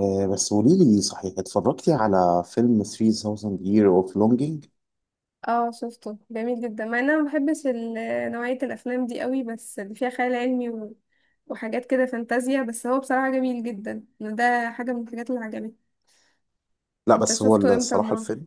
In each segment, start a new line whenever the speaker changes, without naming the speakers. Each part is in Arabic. بس قولي لي صحيح اتفرجتي على فيلم 3000 Year of Longing؟
اه، شفته جميل جدا، مع ان انا ما بحبش نوعية الافلام دي قوي، بس اللي فيها خيال علمي و... وحاجات كده فانتازيا. بس هو بصراحة جميل جدا، ده حاجة من الحاجات اللي عجبتني.
لا
انت
بس هو
شفته امتى
الصراحة
مرة؟
الفيلم.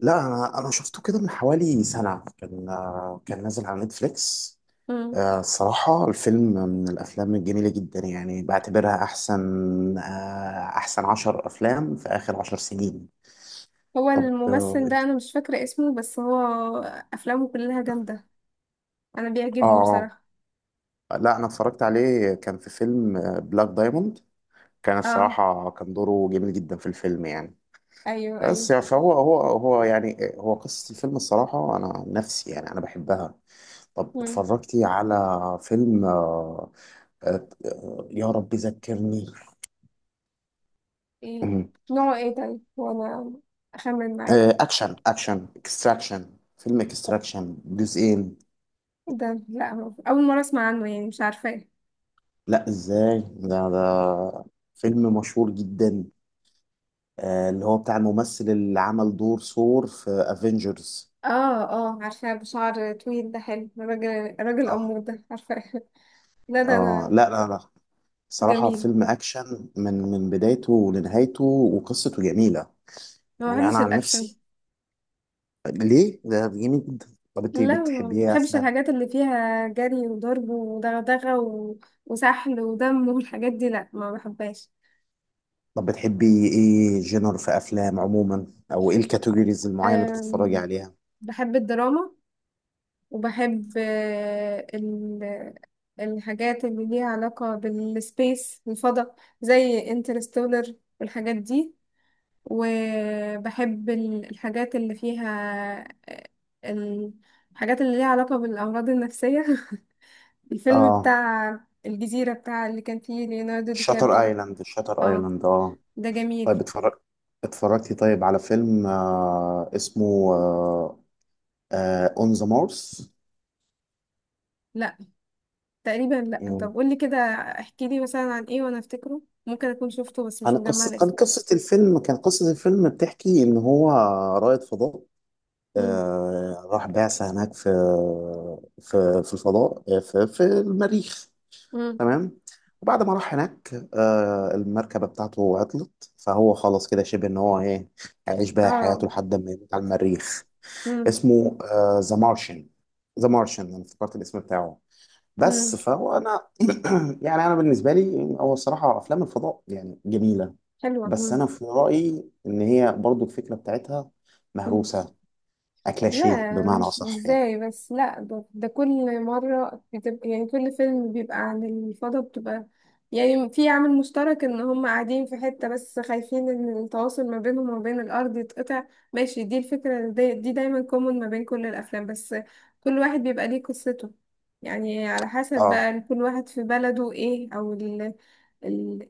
لا أنا شفته كده من حوالي سنة. كان نازل على نتفليكس.
مم.
الصراحة الفيلم من الأفلام الجميلة جدا، يعني بعتبرها أحسن عشر أفلام في آخر عشر سنين.
هو
طب
الممثل ده انا مش فاكرة اسمه، بس هو افلامه كلها جامدة، انا بيعجبني
آه
بصراحة.
لا أنا اتفرجت عليه، كان في فيلم بلاك دايموند. كان
اه،
الصراحة كان دوره جميل جدا في الفيلم يعني.
ايوه، ايوه.
بس يعني فهو هو هو يعني هو قصة الفيلم، الصراحة أنا عن نفسي يعني أنا بحبها. طب
مم.
اتفرجتي على فيلم، يا رب ذكرني.
ايه
مم.
نوعه ايه طيب؟ وانا اخمن معاك.
أكشن فيلم إكستراكشن جزئين.
ده لا، هو اول مرة اسمع عنه، يعني مش عارفاه.
لا إزاي؟ ده فيلم مشهور جدا. اللي هو بتاع الممثل اللي عمل دور ثور في افنجرز.
اه، اه، عارفاه، بشعر طويل، ده حلو، راجل راجل
اه
أمور، ده عارفاه لا ده
اه.
أنا.
لا لا لا، صراحة
جميل.
فيلم أكشن من بدايته لنهايته وقصته جميلة.
ما
يعني أنا
بحبش
عن
الأكشن.
نفسي، ليه؟ ده جميل جدا. طب أنت
لا،
بتحبي
ما
إيه
بحبش
أفلام؟
الحاجات اللي فيها جري وضرب ودغدغة و... وسحل ودم والحاجات دي، لا ما بحبهاش.
طب بتحبي إيه جنر في أفلام عموما؟ أو إيه الكاتيجوريز المعينة اللي بتتفرجي
أم...
عليها؟
بحب الدراما. وبحب الحاجات اللي ليها علاقة بالسبيس، الفضاء. زي انترستولر والحاجات دي. وبحب ال- الحاجات اللي ليها علاقة بالأمراض النفسية الفيلم
آه
بتاع الجزيرة، بتاع اللي كان فيه ليوناردو دي
شاتر
كابريو.
أيلاند، شاتر
اه،
أيلاند
ده
طيب.
جميل.
اتفرجتي طيب على فيلم، اسمه أون ذا مارس.
لا، تقريبا لا. طب قولي كده، احكي لي مثلا عن ايه وانا افتكره، ممكن اكون شفته بس مش مجمعة الاسم.
كان قصة الفيلم بتحكي إن هو رائد فضاء.
امم.
راح بعثة هناك في الفضاء، في المريخ.
امم.
تمام. وبعد ما راح هناك المركبة بتاعته عطلت، فهو خلاص كده شبه ان هو ايه، هيعيش بقى
اه.
حياته لحد ما يموت على المريخ.
امم.
اسمه ذا مارشن. ذا مارشن، انا افتكرت الاسم بتاعه.
امم،
بس فهو انا يعني انا بالنسبة لي هو الصراحة افلام الفضاء يعني جميلة.
حلوة.
بس انا في رأيي ان هي برضو الفكرة بتاعتها
امم.
مهروسة، اكلاشيه
لا
بمعنى
مش
اصح يعني.
ازاي بس، لا، ده كل مرة بتبقى، يعني كل فيلم بيبقى عن الفضاء بتبقى، يعني في عامل مشترك ان هم قاعدين في حتة بس خايفين ان التواصل ما بينهم وما بين الارض يتقطع. ماشي، دي الفكرة دي، دي دايما كومن ما بين كل الافلام، بس كل واحد بيبقى ليه قصته، يعني على حسب
اه.
بقى كل واحد في بلده ايه، او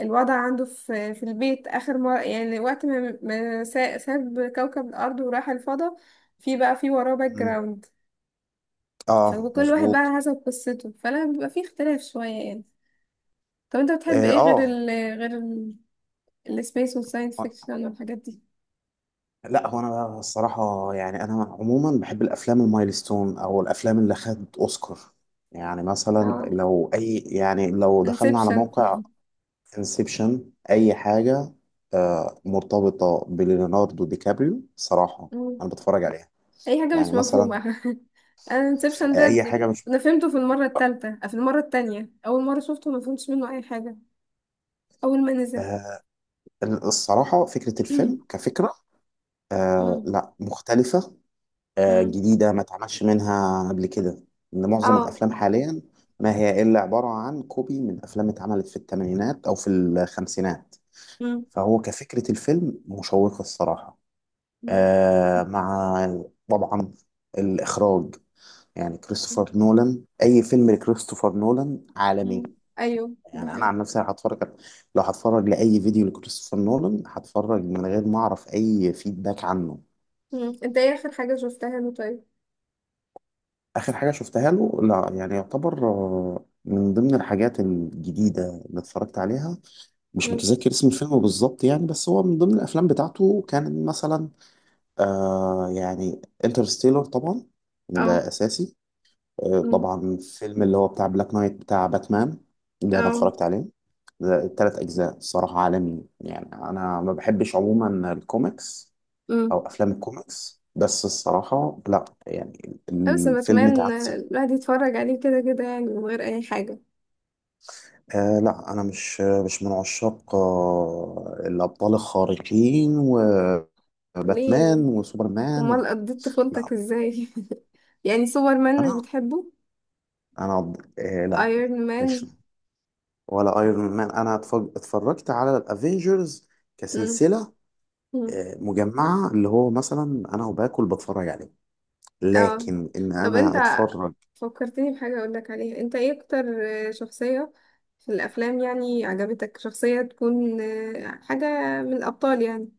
الوضع عنده في البيت، آخر مرة يعني، وقت ما ساب كوكب الأرض وراح الفضاء، في بقى في وراه باك
مم.
جراوند.
اه
فكل واحد بقى
مظبوط.
على حسب قصته، فلا بيبقى في اختلاف شوية يعني. طب انت بتحب
اه
ايه غير ال غير ال السبيس والساينس فيكشن والحاجات دي؟
لا هو انا بقى الصراحه، يعني انا عموما بحب الافلام المايلستون او الافلام اللي خد اوسكار. يعني مثلا
اه،
لو اي يعني لو دخلنا على
انسبشن،
موقع. انسبشن، اي حاجه مرتبطه بليوناردو دي كابريو صراحه، انا بتفرج عليها.
اي حاجة
يعني
مش مفهومة
مثلا.
انا انسبشن ده،
اي حاجه مش.
انا فهمته في المرة التالتة، في المرة التانية اول مرة شفته ما فهمتش منه اي حاجة، اول ما نزل.
آه الصراحه فكره الفيلم كفكره.
مم.
لا، مختلفه.
مم.
جديدة ما اتعملش منها قبل كده. إن معظم
اه.
الأفلام حاليا ما هي إلا عبارة عن كوبي من أفلام اتعملت في الثمانينات أو في الخمسينات.
مم.
فهو كفكرة الفيلم مشوقة الصراحة.
مم.
مع طبعا الإخراج، يعني كريستوفر نولان، أي فيلم لكريستوفر نولان
مم،
عالمي.
ايوه ده
يعني أنا
حلو.
عن نفسي لو هتفرج لأي فيديو لكريستوفر نولان هتفرج من غير ما أعرف أي فيدباك عنه.
مم. انت ايه اخر حاجة شفتها له طيب؟
آخر حاجة شفتها له لا يعني يعتبر من ضمن الحاجات الجديدة اللي اتفرجت عليها. مش
مم.
متذكر اسم الفيلم بالظبط يعني، بس هو من ضمن الأفلام بتاعته كان مثلا يعني انترستيلر طبعا، ده
اه.
أساسي.
مم.
طبعا فيلم اللي هو بتاع بلاك نايت بتاع باتمان، ده أنا
اه.
اتفرجت عليه. ده التلات أجزاء الصراحة عالمي، يعني أنا ما بحبش عموما الكوميكس
مم.
أو أفلام الكوميكس، بس الصراحة لا يعني
بس
الفيلم
بتمنى
اتعكس.
الواحد يتفرج عليه كده كده، يعني من غير اي حاجة.
لا أنا مش من عشاق الأبطال الخارقين وباتمان
ليه؟
وسوبرمان و...
امال قضيت
لا
طفولتك ازاي؟ يعني سوبر مان مش
أنا
بتحبه؟
أنا لا،
ايرون مان؟
مش، ولا أيرون مان. أنا اتفرجت على الأفينجرز
مم.
كسلسلة.
مم.
مجمعة، اللي هو مثلا أنا وباكل بتفرج عليه،
اه.
لكن إن
طب انت
أنا أتفرج.
فكرتني بحاجة اقول لك عليها، انت ايه اكتر شخصية في الافلام، يعني عجبتك شخصية تكون حاجة من الابطال يعني،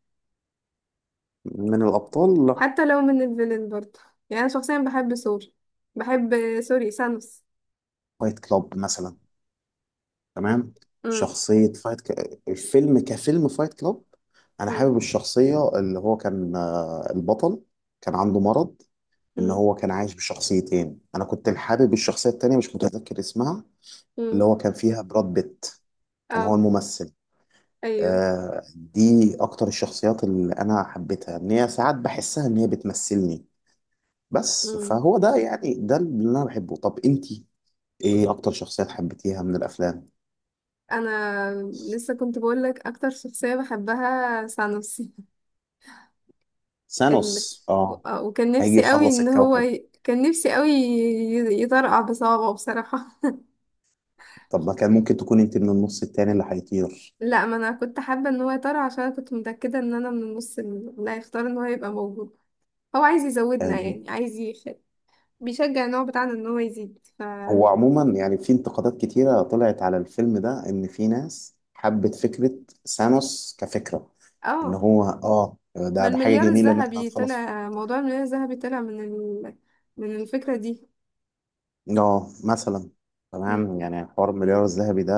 من الأبطال لا.
حتى لو من الفيلن برضه؟ يعني انا شخصيا بحب سوري سانوس.
فايت كلاب مثلا، تمام.
امم.
شخصية الفيلم كفيلم فايت كلاب، أنا
امم.
حابب الشخصية اللي هو كان البطل، كان عنده مرض إن
امم.
هو كان عايش بشخصيتين. أنا كنت حابب الشخصية التانية، مش متذكر اسمها،
امم.
اللي هو كان فيها براد بيت كان هو
اه.
الممثل.
ايوه.
دي أكتر الشخصيات اللي أنا حبيتها، إن هي ساعات بحسها إن هي بتمثلني. بس
امم.
فهو ده، يعني ده اللي أنا بحبه. طب إنتي إيه أكتر شخصيات حبيتيها من الأفلام؟
انا لسه كنت بقول لك اكتر شخصيه بحبها سانوس ال...
ثانوس اه.
آه، وكان
هيجي
نفسي قوي
يخلص
ان هو
الكوكب.
ي... كان نفسي قوي ي- يطرقع بصوابعه بصراحه.
طب ما كان ممكن تكون انت من النص التاني اللي هيطير؟
لا، ما انا كنت حابه ان هو يطرقع عشان انا كنت متاكده ان انا من النص اللي هيختار ان هو يبقى موجود. هو عايز يزودنا
أم،
يعني، عايز بيشجع النوع بتاعنا ان هو يزيد
هو عموما يعني في انتقادات كتيرة طلعت على الفيلم ده، ان في ناس حبت فكرة ثانوس كفكرة، ان
اه،
هو ده
ما
ده حاجة
المليار
جميلة ان احنا
الذهبي
هنخلص.
طلع موضوع المليار الذهبي طلع من من الفكرة دي.
اه مثلا.
مم.
تمام، يعني حوار المليار الذهبي ده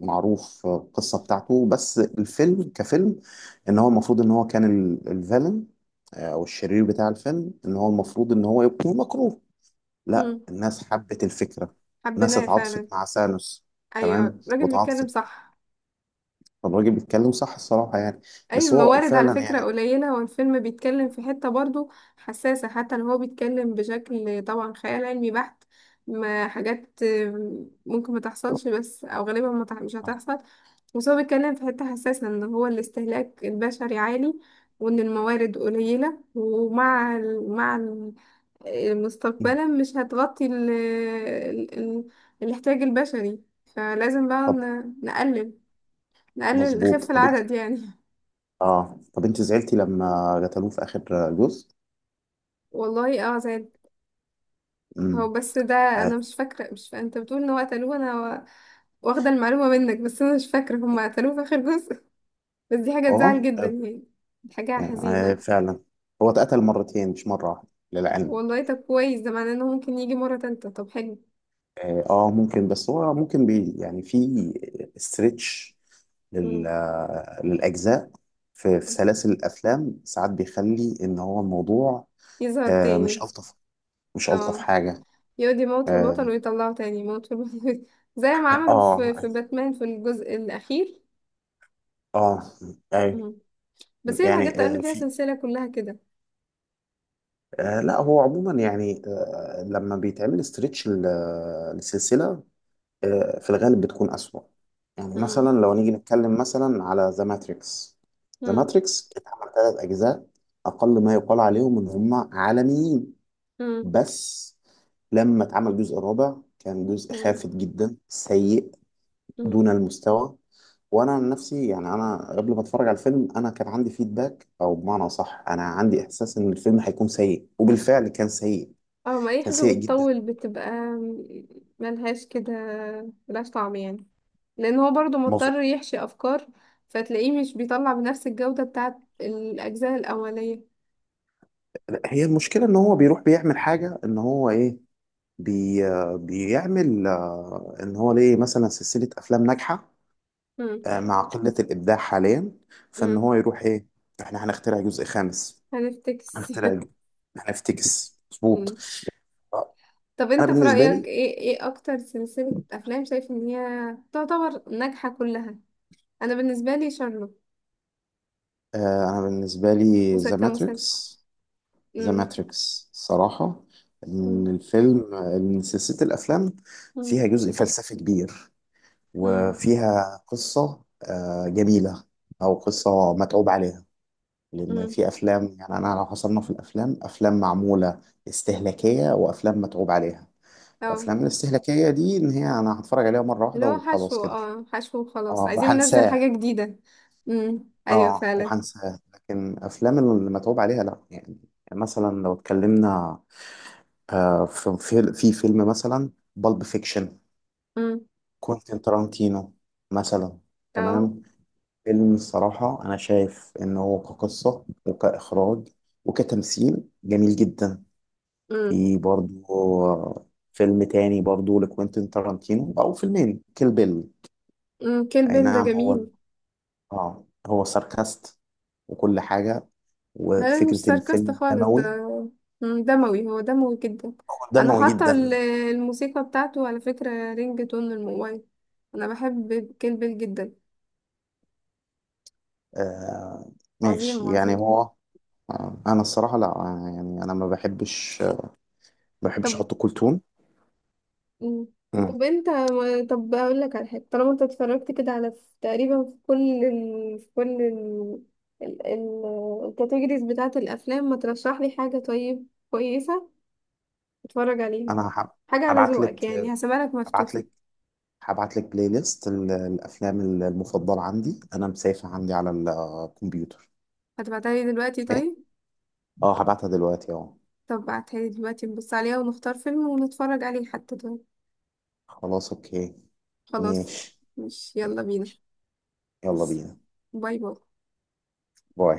معروف القصة بتاعته. بس الفيلم كفيلم، ان هو المفروض ان هو كان الفيلن او الشرير بتاع الفيلم، ان هو المفروض ان هو يكون مكروه، لا
مم.
الناس حبت الفكرة. الناس
حبيناه
اتعاطفت
فعلا.
مع سانوس،
ايوه
تمام.
الراجل بيتكلم
واتعاطفت.
صح.
طب الراجل بيتكلم صح الصراحة يعني.
ايوه
بس هو
الموارد على
فعلا
فكرة
يعني.
قليلة، والفيلم بيتكلم في حتة برضو حساسة، حتى لو هو بيتكلم بشكل طبعا خيال علمي بحت، ما حاجات ممكن ما تحصلش، بس او غالبا ما تح- مش هتحصل. بس هو بيتكلم في حتة حساسة، ان هو الاستهلاك البشري عالي، وان الموارد قليلة، ومع مع، مستقبلا مش هتغطي ال ال ال الاحتياج البشري. فلازم بقى
طب
نقلل
مظبوط.
نخف
طب انت،
العدد يعني.
اه طب انت زعلتي لما قتلوه في اخر جزء؟
والله؟ اه، زاد.
امم.
هو بس ده
اه
انا مش فاكرة. انت بتقول ان هو قتلوه، انا واخده المعلومه منك بس انا مش فاكره هم قتلوه في اخر جزء بس دي حاجه تزعل
آه.
جدا يعني، دي حاجه حزينه.
فعلا. هو اتقتل مرتين مش مرة واحدة للعلم.
والله؟ طب كويس، ده معناه انه ممكن يجي مره تالتة. طب حلو.
اه ممكن، بس هو ممكن يعني في استرتش لل
مم.
للاجزاء. في سلاسل الافلام ساعات بيخلي ان هو الموضوع
يظهر
مش
تاني.
الطف، مش الطف
اه،
حاجه.
يقعد يموت في البطل
اه
ويطلعه تاني يموت في البطل زي ما عملوا
اه.
في باتمان في الجزء الأخير.
آه، اي
مم. بس هي الحاجات
يعني
اللي فيها
في
سلسلة كلها كده.
لا هو عموما يعني لما بيتعمل استرتش لسلسله في الغالب بتكون أسوأ. يعني
مم.
مثلا لو نيجي نتكلم مثلا على ذا ماتريكس. ذا
مم.
ماتريكس اتعمل ثلاث أجزاء، أقل ما يقال عليهم إن هم عالميين.
مم.
بس لما اتعمل الجزء الرابع كان جزء
مم.
خافت جدا، سيء،
مم.
دون المستوى. وانا عن نفسي يعني، انا قبل ما اتفرج على الفيلم انا كان عندي فيدباك، او بمعنى صح انا عندي احساس ان الفيلم هيكون سيء، وبالفعل كان سيء.
اه، ما أي
كان
حاجة
سيء جدا.
بتطول بتبقى ملهاش كده، ملهاش طعم يعني، لأن هو برضو
مظبوط.
مضطر يحشي أفكار، فتلاقيه مش بيطلع بنفس الجودة بتاعت الأجزاء الأولية.
هي المشكله ان هو بيروح بيعمل حاجه ان هو ايه، بي بيعمل ان هو ليه مثلا سلسله افلام ناجحه
مم.
مع قله الابداع حاليا، فان
مم.
هو يروح ايه، احنا هنخترع جزء خامس.
هنفتكس
هنخترع ج- هنفتكس مظبوط. آه،
طب
انا
انت في
بالنسبه
رأيك
لي،
ايه اكتر سلسلة افلام شايف ان هي تعتبر ناجحة كلها؟ انا بالنسبة لي شارلوك،
انا بالنسبه لي
مسلسل
ذا
كمسلسل.
ماتريكس. ذا
امم.
ماتريكس صراحه،
امم.
ان سلسله الافلام
امم.
فيها جزء فلسفي كبير،
امم.
وفيها قصه جميله، او قصه متعوب عليها. لأن
امم.
في أفلام يعني، أنا لو حصلنا في الأفلام أفلام معمولة استهلاكية وأفلام متعوب عليها.
اه.
الأفلام الاستهلاكية دي إن هي أنا هتفرج عليها مرة واحدة
اللي هو
وخلاص
حشو
كده،
اه حشو وخلاص
اه
عايزين ننزل
وهنساه.
حاجة جديدة. امم، ايوه
اه
فعلا.
وهنساه. لكن أفلام اللي متعوب عليها لأ يعني، مثلا لو اتكلمنا في فيلم مثلا بالب فيكشن،
امم.
كوينتين تارانتينو مثلا،
اه.
تمام. فيلم الصراحة أنا شايف إنه كقصة وكإخراج وكتمثيل جميل جدا.
امم.
في برضو فيلم تاني برضو لكوينتين تارانتينو، او فيلمين، كيل بيل.
امم، كيل
اي
بيل ده
نعم. هو
جميل.
اه هو ساركاست وكل حاجة،
لا لا، مش
وفكرة
ساركاست
الفيلم
خالص ده.
دموي،
مم، دموي، هو دموي جدا. انا
دموي
حاطه
جدا يعني.
الموسيقى بتاعته على فكره رينج تون الموبايل. انا بحب كين بيل جدا.
آه
عظيم
ماشي يعني
عظيم.
هو. انا الصراحة لا، يعني انا ما بحبش
طب.
احط كولتون.
مم.
مم.
طب انت ما- طب اقول لك على حاجه، طالما انت اتفرجت كده تقريبا في كل ال... ال... الكاتيجوريز بتاعه الافلام، ما ترشح لي حاجه طيب كويسه اتفرج عليها،
انا
حاجه على
هبعت
ذوقك
لك
يعني، هسيبها لك
هبعت
مفتوحه.
لك هبعت لك بلاي ليست الافلام المفضلة عندي، انا مسافة عندي على الكمبيوتر.
هتبعتها لي دلوقتي
اوكي.
طيب؟
اه، هبعتها دلوقتي اهو.
طب بعتها دلوقتي نبص عليها ونختار فيلم ونتفرج عليه حتى، طيب.
خلاص، اوكي.
خلاص.
ماشي.
مش، يلا بينا.
يلا
بس.
بينا.
باي باي.
باي.